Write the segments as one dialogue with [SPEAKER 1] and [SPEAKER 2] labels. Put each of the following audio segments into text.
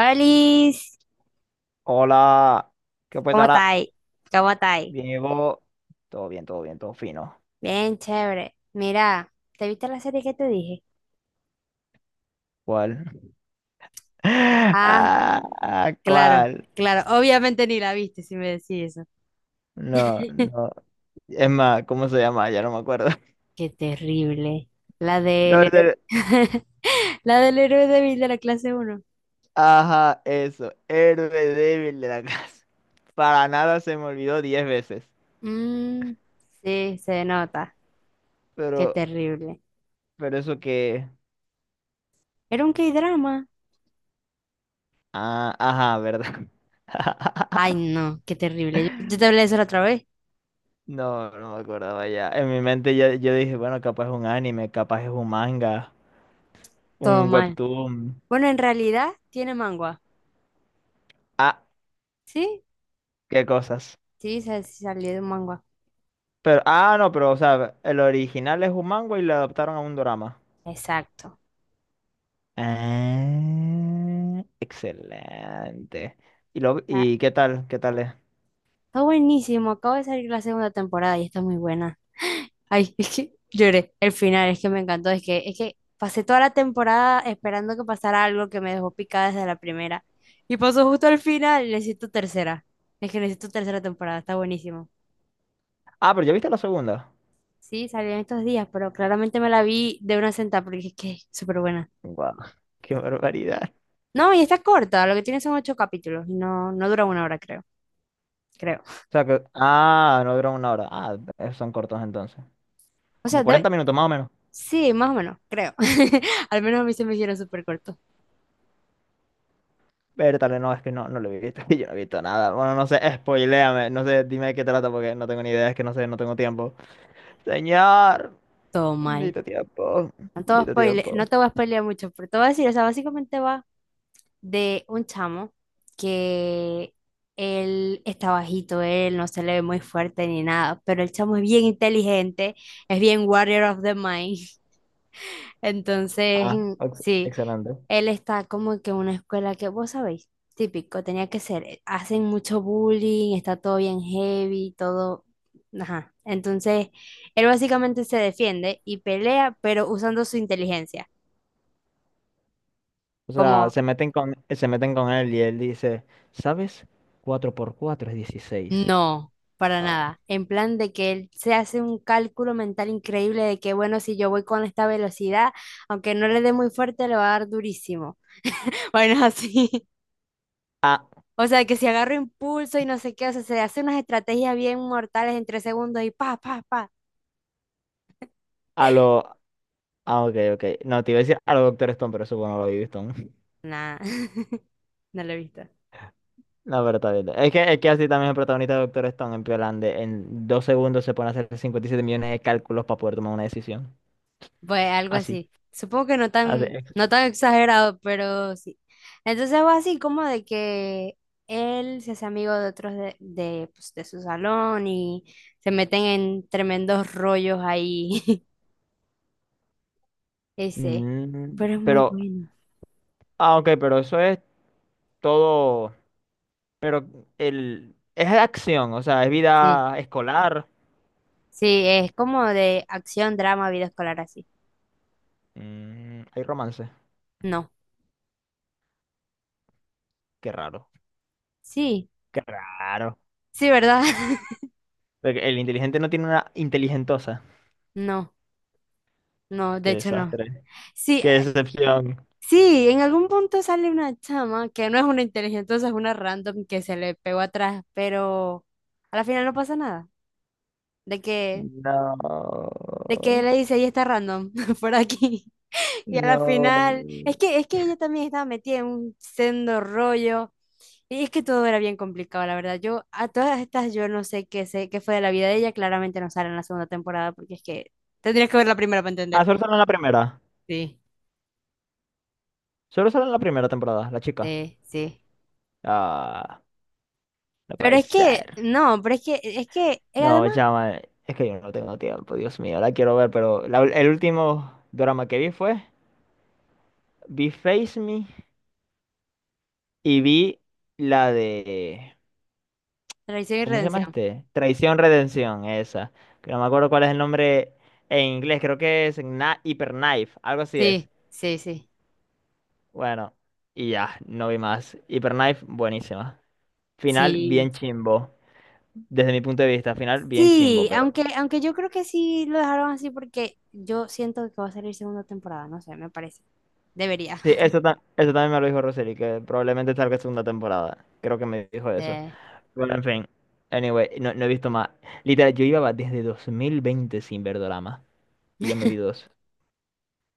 [SPEAKER 1] Olis,
[SPEAKER 2] Hola, ¿qué pues
[SPEAKER 1] ¿cómo
[SPEAKER 2] ahora?
[SPEAKER 1] estáis? ¿Cómo estáis?
[SPEAKER 2] Diego, todo bien, todo bien, todo fino.
[SPEAKER 1] Bien, chévere. Mira, ¿te viste la serie que te dije?
[SPEAKER 2] ¿Cuál? Ah,
[SPEAKER 1] Ah,
[SPEAKER 2] ah,
[SPEAKER 1] claro,
[SPEAKER 2] ¿cuál?
[SPEAKER 1] claro. Obviamente ni la viste si me decís eso.
[SPEAKER 2] No, no. Es más, ¿cómo se llama? Ya no me acuerdo.
[SPEAKER 1] Qué terrible. La
[SPEAKER 2] No,
[SPEAKER 1] del
[SPEAKER 2] en
[SPEAKER 1] héroe.
[SPEAKER 2] serio.
[SPEAKER 1] La del héroe débil de la clase uno.
[SPEAKER 2] Ajá, eso. Héroe débil de la casa. Para nada se me olvidó 10 veces.
[SPEAKER 1] Mm, sí, se nota. Qué
[SPEAKER 2] Pero,
[SPEAKER 1] terrible.
[SPEAKER 2] pero eso que.
[SPEAKER 1] Era un K-drama.
[SPEAKER 2] Ah, ajá, ¿verdad?
[SPEAKER 1] Ay, no, qué terrible. Yo te hablé de eso la otra vez.
[SPEAKER 2] No, no me acordaba ya. En mi mente ya, yo dije, bueno, capaz es un anime, capaz es un manga,
[SPEAKER 1] Todo
[SPEAKER 2] un
[SPEAKER 1] mal.
[SPEAKER 2] webtoon.
[SPEAKER 1] Bueno, en realidad tiene mangua.
[SPEAKER 2] Ah,
[SPEAKER 1] ¿Sí?
[SPEAKER 2] qué cosas.
[SPEAKER 1] Sí, salió de un manga.
[SPEAKER 2] Pero, no, pero, o sea, el original es un manga y le adaptaron a un drama.
[SPEAKER 1] Exacto.
[SPEAKER 2] Ah, excelente. ¿Y, lo,
[SPEAKER 1] Ah,
[SPEAKER 2] y qué tal? ¿Qué tal es?
[SPEAKER 1] Está buenísimo. Acaba de salir la segunda temporada y está muy buena. Ay, es que lloré. El final es que me encantó. Es que pasé toda la temporada esperando que pasara algo que me dejó picada desde la primera. Y pasó justo al final. Necesito tercera. Es que necesito tercera temporada. Está buenísimo.
[SPEAKER 2] Ah, pero ya viste la segunda.
[SPEAKER 1] Sí, salió en estos días, pero claramente me la vi de una sentada porque es que es súper buena.
[SPEAKER 2] Guau, qué barbaridad.
[SPEAKER 1] No, y está corta. Lo que tiene son ocho capítulos. No, no dura una hora, creo. Creo.
[SPEAKER 2] O sea que, no duran una hora. Son cortos entonces.
[SPEAKER 1] O
[SPEAKER 2] Como
[SPEAKER 1] sea,
[SPEAKER 2] 40 minutos más o menos.
[SPEAKER 1] Sí, más o menos, creo. Al menos a mí se me hicieron súper cortos.
[SPEAKER 2] Vértale, no, es que no lo he visto. Yo no he visto nada. Bueno, no sé, spoiléame. No sé, dime de qué trata porque no tengo ni idea. Es que no sé, no tengo tiempo. Señor,
[SPEAKER 1] Todo mal.
[SPEAKER 2] necesito tiempo.
[SPEAKER 1] No te voy a
[SPEAKER 2] Necesito
[SPEAKER 1] spoile- No
[SPEAKER 2] tiempo.
[SPEAKER 1] te voy a spoilear mucho, pero te voy a decir, o sea, básicamente va de un chamo que él está bajito, él no se le ve muy fuerte ni nada, pero el chamo es bien inteligente, es bien warrior of the mind. Entonces,
[SPEAKER 2] Ah,
[SPEAKER 1] mm, sí.
[SPEAKER 2] excelente.
[SPEAKER 1] Él está como que en una escuela que vos sabéis, típico, tenía que ser. Hacen mucho bullying, está todo bien heavy, todo. Ajá. Entonces, él básicamente se defiende y pelea, pero usando su inteligencia.
[SPEAKER 2] O sea,
[SPEAKER 1] Como,
[SPEAKER 2] se meten con él y él dice, ¿sabes? Cuatro por 4 es 16.
[SPEAKER 1] no, para
[SPEAKER 2] Ah,
[SPEAKER 1] nada. En plan de que él se hace un cálculo mental increíble de que, bueno, si yo voy con esta velocidad, aunque no le dé muy fuerte, le va a dar durísimo. Bueno, así.
[SPEAKER 2] ah,
[SPEAKER 1] O sea, que si agarro impulso y no sé qué, o sea, se hace unas estrategias bien mortales en tres segundos y pa, pa, pa.
[SPEAKER 2] a lo... Ah, ok, ok. No, te iba a decir a lo Doctor Stone, pero eso bueno, lo vi Stone.
[SPEAKER 1] Nah, no lo he visto.
[SPEAKER 2] No, pero está bien. Es que así también el protagonista de Doctor Stone en Piolande en 2 segundos se pone a hacer 57 millones de cálculos para poder tomar una decisión.
[SPEAKER 1] Pues algo
[SPEAKER 2] Así.
[SPEAKER 1] así. Supongo que no
[SPEAKER 2] Así.
[SPEAKER 1] tan, no tan exagerado, pero sí. Entonces va así como de que él se hace amigo de otros pues, de su salón y se meten en tremendos rollos ahí. Ese.
[SPEAKER 2] Mm,
[SPEAKER 1] Pero es muy
[SPEAKER 2] pero...
[SPEAKER 1] bueno.
[SPEAKER 2] Ah, ok, pero eso es todo... Pero el... Es acción, o sea, es
[SPEAKER 1] Sí.
[SPEAKER 2] vida escolar.
[SPEAKER 1] Sí, es como de acción, drama, vida escolar así.
[SPEAKER 2] Mm, hay romance.
[SPEAKER 1] No.
[SPEAKER 2] Qué raro.
[SPEAKER 1] Sí.
[SPEAKER 2] Qué raro.
[SPEAKER 1] Sí, ¿verdad?
[SPEAKER 2] Porque el inteligente no tiene una inteligentosa.
[SPEAKER 1] No, no, de
[SPEAKER 2] Qué
[SPEAKER 1] hecho no.
[SPEAKER 2] desastre.
[SPEAKER 1] Sí,
[SPEAKER 2] Qué decepción.
[SPEAKER 1] sí, en algún punto sale una chama que no es una inteligente, es una random que se le pegó atrás, pero a la final no pasa nada. De que,
[SPEAKER 2] No.
[SPEAKER 1] de que le dice, ella está random por aquí. Y a la
[SPEAKER 2] No.
[SPEAKER 1] final, es que ella también estaba metida en un sendo rollo. Y es que todo era bien complicado, la verdad. Yo, a todas estas, yo no sé qué sé, qué fue de la vida de ella. Claramente no sale en la segunda temporada, porque es que tendrías que ver la primera para
[SPEAKER 2] Ah,
[SPEAKER 1] entender.
[SPEAKER 2] solo sale en la primera.
[SPEAKER 1] Sí,
[SPEAKER 2] Solo sale en la primera temporada, la chica.
[SPEAKER 1] sí, sí.
[SPEAKER 2] Ah, no
[SPEAKER 1] Pero
[SPEAKER 2] puede
[SPEAKER 1] es que,
[SPEAKER 2] ser.
[SPEAKER 1] no, pero es que, es que,
[SPEAKER 2] No,
[SPEAKER 1] además,
[SPEAKER 2] llama. Es que yo no tengo tiempo, Dios mío. La quiero ver, pero el último drama que vi fue. Vi Face Me y vi la de.
[SPEAKER 1] traición y
[SPEAKER 2] ¿Cómo se llama
[SPEAKER 1] redención.
[SPEAKER 2] este? Traición Redención, esa. Que no me acuerdo cuál es el nombre en inglés, creo que es Hyper Knife, algo así es.
[SPEAKER 1] Sí, sí, sí,
[SPEAKER 2] Bueno, y ya, no vi más. Hyper Knife, buenísima. Final, bien
[SPEAKER 1] sí.
[SPEAKER 2] chimbo. Desde mi punto de vista, final, bien chimbo,
[SPEAKER 1] Sí,
[SPEAKER 2] pero.
[SPEAKER 1] aunque yo creo que sí lo dejaron así porque yo siento que va a salir segunda temporada, no sé, me parece. Debería.
[SPEAKER 2] Sí, eso, eso también me lo dijo Roseli, que probablemente salga segunda temporada. Creo que me dijo
[SPEAKER 1] Sí.
[SPEAKER 2] eso. Bueno, en fin. Anyway, no, no he visto más. Literal, yo iba desde 2020 sin ver drama. Y ya me vi dos.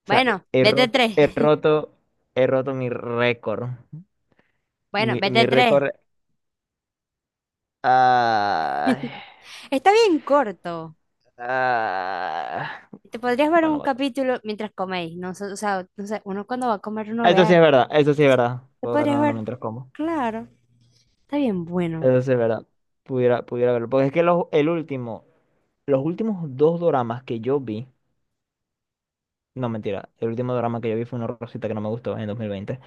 [SPEAKER 2] O sea, he,
[SPEAKER 1] Bueno,
[SPEAKER 2] he
[SPEAKER 1] vete
[SPEAKER 2] ro-
[SPEAKER 1] tres.
[SPEAKER 2] he roto, he roto mi récord.
[SPEAKER 1] Bueno,
[SPEAKER 2] Mi,
[SPEAKER 1] vete
[SPEAKER 2] mi
[SPEAKER 1] tres.
[SPEAKER 2] récord. ah,
[SPEAKER 1] Está bien corto.
[SPEAKER 2] ah,
[SPEAKER 1] Te podrías ver
[SPEAKER 2] bueno,
[SPEAKER 1] un
[SPEAKER 2] vato.
[SPEAKER 1] capítulo mientras coméis, no sé, o sea, no sé, uno cuando va a comer uno
[SPEAKER 2] Eso
[SPEAKER 1] vea.
[SPEAKER 2] sí es verdad, eso sí es
[SPEAKER 1] Entonces,
[SPEAKER 2] verdad.
[SPEAKER 1] te
[SPEAKER 2] Puedo
[SPEAKER 1] podrías
[SPEAKER 2] verme uno
[SPEAKER 1] ver,
[SPEAKER 2] mientras como.
[SPEAKER 1] claro, está bien bueno.
[SPEAKER 2] Eso sí es verdad. Pudiera verlo. Porque es que el último, los últimos dos doramas que yo vi. No, mentira. El último drama que yo vi fue una rosita que no me gustó en 2020.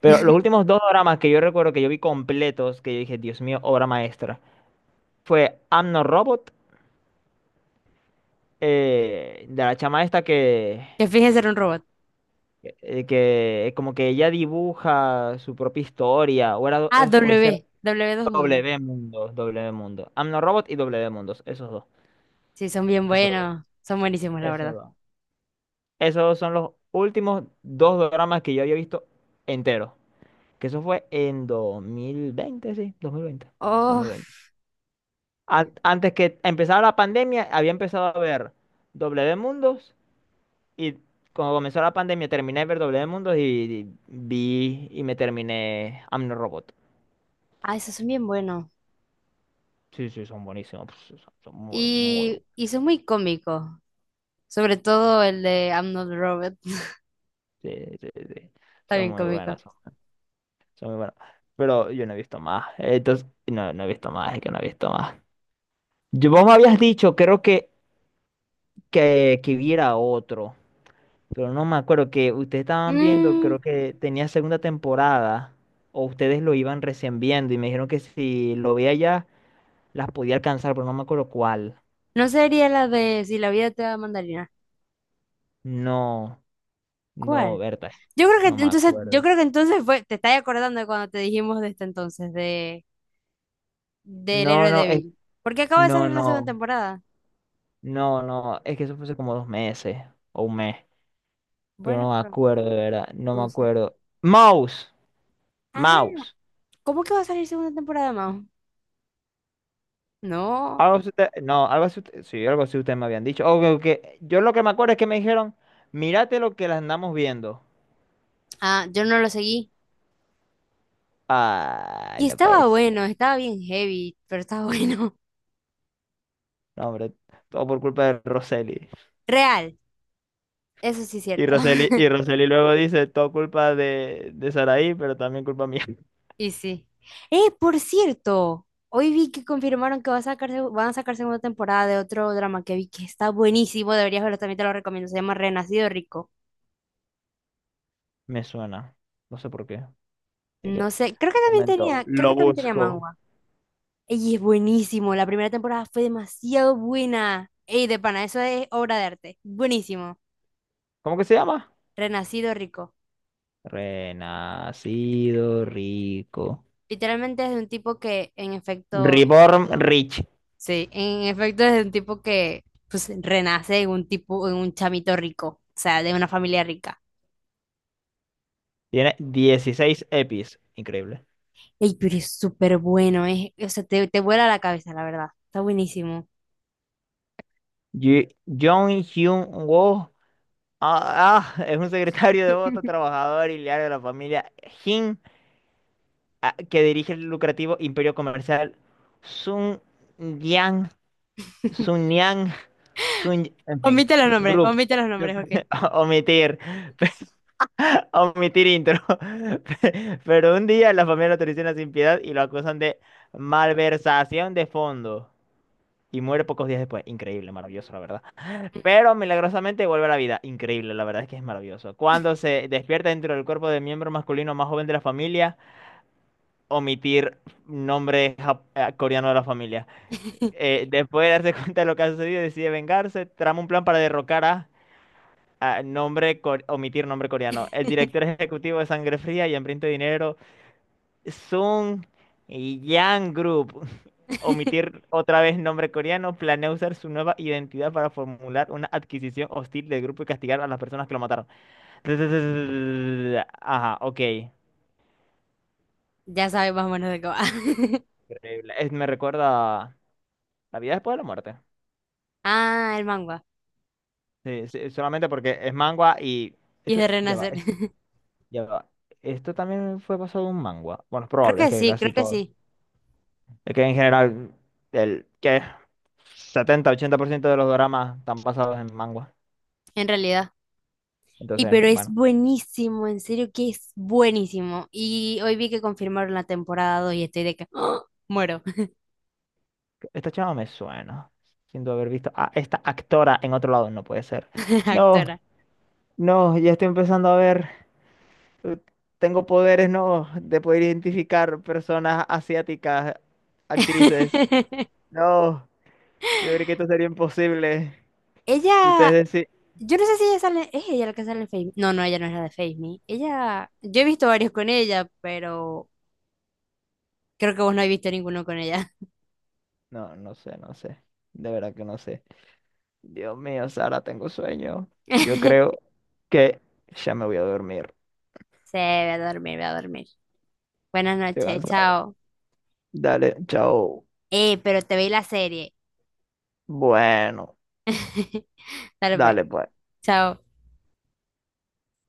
[SPEAKER 2] Pero los últimos dos dramas que yo recuerdo que yo vi completos, que yo dije, Dios mío, obra maestra, fue I'm No Robot, de la chama esta que,
[SPEAKER 1] Que finge ser un robot.
[SPEAKER 2] eh, que como que ella dibuja su propia historia, o era,
[SPEAKER 1] Ah,
[SPEAKER 2] o ese era
[SPEAKER 1] W, W dos Mundo.
[SPEAKER 2] W Mundo, W Mundo. Amno Robot y W Mundos, esos dos,
[SPEAKER 1] Sí, son bien
[SPEAKER 2] esos dos,
[SPEAKER 1] buenos, son buenísimos, la
[SPEAKER 2] esos
[SPEAKER 1] verdad.
[SPEAKER 2] dos. Esos son los últimos dos dramas que yo había visto enteros, que eso fue en 2020, sí, 2020,
[SPEAKER 1] Oh,
[SPEAKER 2] 2020. Antes que empezara la pandemia, había empezado a ver W Mundos. Y cuando comenzó la pandemia, terminé de ver W Mundos y vi y me terminé Amno Robot.
[SPEAKER 1] ah, esos son bien buenos.
[SPEAKER 2] Sí, sí, son buenísimos. Pues, son, son muy, muy bu-
[SPEAKER 1] Y son muy cómicos, sobre todo el de I'm Not a Robot,
[SPEAKER 2] sí, sí, sí.
[SPEAKER 1] está
[SPEAKER 2] Son
[SPEAKER 1] bien
[SPEAKER 2] muy
[SPEAKER 1] cómico.
[SPEAKER 2] buenos. Son muy buenos. Pero yo no he visto más. Entonces, no, no he visto más, es que no he visto más. Vos me habías dicho, creo que, viera otro. Pero no me acuerdo que ustedes estaban viendo,
[SPEAKER 1] Mm,
[SPEAKER 2] creo que tenía segunda temporada. O ustedes lo iban recién viendo y me dijeron que si lo veía ya las podía alcanzar, pero no me acuerdo cuál.
[SPEAKER 1] no sería la de Si la vida te da mandarina.
[SPEAKER 2] No, no,
[SPEAKER 1] ¿Cuál?
[SPEAKER 2] Berta.
[SPEAKER 1] Yo creo
[SPEAKER 2] No
[SPEAKER 1] que
[SPEAKER 2] me
[SPEAKER 1] entonces, yo
[SPEAKER 2] acuerdo.
[SPEAKER 1] creo que entonces fue, te estás acordando de cuando te dijimos de este entonces, de del
[SPEAKER 2] No,
[SPEAKER 1] héroe
[SPEAKER 2] no,
[SPEAKER 1] débil. Porque acaba de
[SPEAKER 2] no,
[SPEAKER 1] salir la segunda
[SPEAKER 2] no,
[SPEAKER 1] temporada.
[SPEAKER 2] no, no. Es que eso fue hace como 2 meses o un mes. Pero
[SPEAKER 1] Bueno,
[SPEAKER 2] no me
[SPEAKER 1] pero
[SPEAKER 2] acuerdo, de verdad. No me
[SPEAKER 1] pudo ser.
[SPEAKER 2] acuerdo. Mouse,
[SPEAKER 1] Ah,
[SPEAKER 2] mouse.
[SPEAKER 1] ¿cómo que va a salir segunda temporada, Mao? No.
[SPEAKER 2] No, sí, algo así ustedes me habían dicho. O yo lo que me acuerdo es que me dijeron, mírate lo que las andamos viendo.
[SPEAKER 1] Ah, yo no lo seguí.
[SPEAKER 2] Ay,
[SPEAKER 1] Y
[SPEAKER 2] no
[SPEAKER 1] estaba
[SPEAKER 2] pues.
[SPEAKER 1] bueno, estaba bien heavy, pero estaba bueno.
[SPEAKER 2] No, hombre, todo por culpa de Roseli.
[SPEAKER 1] Real, eso sí es
[SPEAKER 2] Y
[SPEAKER 1] cierto.
[SPEAKER 2] Roseli, y Roseli luego dice, todo culpa de Saraí, pero también culpa mía.
[SPEAKER 1] Y sí. Por cierto, hoy vi que confirmaron que va a sacarse, van a sacar segunda temporada de otro drama que vi que está buenísimo, deberías verlo, también te lo recomiendo, se llama Renacido Rico.
[SPEAKER 2] Me suena. No sé por qué. Así
[SPEAKER 1] No
[SPEAKER 2] que,
[SPEAKER 1] sé, creo que también
[SPEAKER 2] momento,
[SPEAKER 1] tenía, creo que
[SPEAKER 2] lo
[SPEAKER 1] también tenía
[SPEAKER 2] busco.
[SPEAKER 1] manga. Y es buenísimo, la primera temporada fue demasiado buena. Ey, de pana, eso es obra de arte. Buenísimo.
[SPEAKER 2] ¿Cómo que se llama?
[SPEAKER 1] Renacido Rico.
[SPEAKER 2] Renacido rico.
[SPEAKER 1] Literalmente es de un tipo que en efecto.
[SPEAKER 2] Reborn Rich.
[SPEAKER 1] Sí, en efecto es un tipo que pues renace en un tipo, en un chamito rico, o sea, de una familia rica.
[SPEAKER 2] Tiene 16 EPIs. Increíble.
[SPEAKER 1] Ey, pero es súper bueno, eh. O sea, te vuela la cabeza, la verdad. Está buenísimo.
[SPEAKER 2] Jong Hyun Woo. Ah, es un secretario devoto, trabajador y leal de la familia Jin, que dirige el lucrativo imperio comercial Sun Sunyang, Sun, en fin, group.
[SPEAKER 1] Omite los nombres, ok.
[SPEAKER 2] Omitir, omitir intro. Pero un día la familia lo traiciona sin piedad y lo acusan de malversación de fondo. Y muere pocos días después. Increíble, maravilloso, la verdad. Pero milagrosamente vuelve a la vida. Increíble, la verdad es que es maravilloso. Cuando se despierta dentro del cuerpo del miembro masculino más joven de la familia, omitir nombre coreanos de la familia. Después de darse cuenta de lo que ha sucedido, decide vengarse, trama un plan para derrocar a omitir nombre coreano. El director ejecutivo de Sangre Fría y Hambriento de Dinero, Sung Yang Group, omitir otra vez nombre coreano, planea usar su nueva identidad para formular una adquisición hostil del grupo y castigar a las personas que lo mataron. Ajá, ok.
[SPEAKER 1] Ya sabes más o menos de qué va.
[SPEAKER 2] Increíble. Me recuerda a La vida después de la muerte.
[SPEAKER 1] Ah, el manga.
[SPEAKER 2] Sí, sí, solamente porque es mangua y...
[SPEAKER 1] Y es
[SPEAKER 2] Esto,
[SPEAKER 1] de
[SPEAKER 2] ya va,
[SPEAKER 1] renacer.
[SPEAKER 2] ya va. Esto también fue pasado de un mangua. Bueno, es probable, es que casi
[SPEAKER 1] Creo que
[SPEAKER 2] todo.
[SPEAKER 1] sí,
[SPEAKER 2] Es que en general, el que 70-80% de los dramas están basados en mangua.
[SPEAKER 1] en realidad. Y
[SPEAKER 2] Entonces,
[SPEAKER 1] pero es
[SPEAKER 2] bueno,
[SPEAKER 1] buenísimo, en serio que es buenísimo. Y hoy vi que confirmaron la temporada 2 y estoy de que ¡ah, muero!
[SPEAKER 2] esta chava me suena. Siento haber visto a esta actora en otro lado, no puede ser. No,
[SPEAKER 1] Actora.
[SPEAKER 2] no, ya estoy empezando a ver. eh, Tengo poderes, no, de poder identificar personas asiáticas, actrices. No, yo creo que esto sería imposible.
[SPEAKER 1] Ella,
[SPEAKER 2] Ustedes decís,
[SPEAKER 1] yo no sé si ella sale, es ella la que sale en Face Me. No, no, ella no es la de Face Me. Ella, yo he visto varios con ella, pero creo que vos no has visto ninguno con ella.
[SPEAKER 2] no, no sé, no sé. De verdad que no sé. Dios mío, Sara, tengo sueño. Yo creo que ya me voy a dormir.
[SPEAKER 1] Sí, voy a dormir, voy a dormir. Buenas
[SPEAKER 2] Estoy
[SPEAKER 1] noches,
[SPEAKER 2] cansado.
[SPEAKER 1] chao.
[SPEAKER 2] Dale, chao.
[SPEAKER 1] Pero te vi la serie.
[SPEAKER 2] Bueno,
[SPEAKER 1] Dale pues,
[SPEAKER 2] dale pues.
[SPEAKER 1] chao.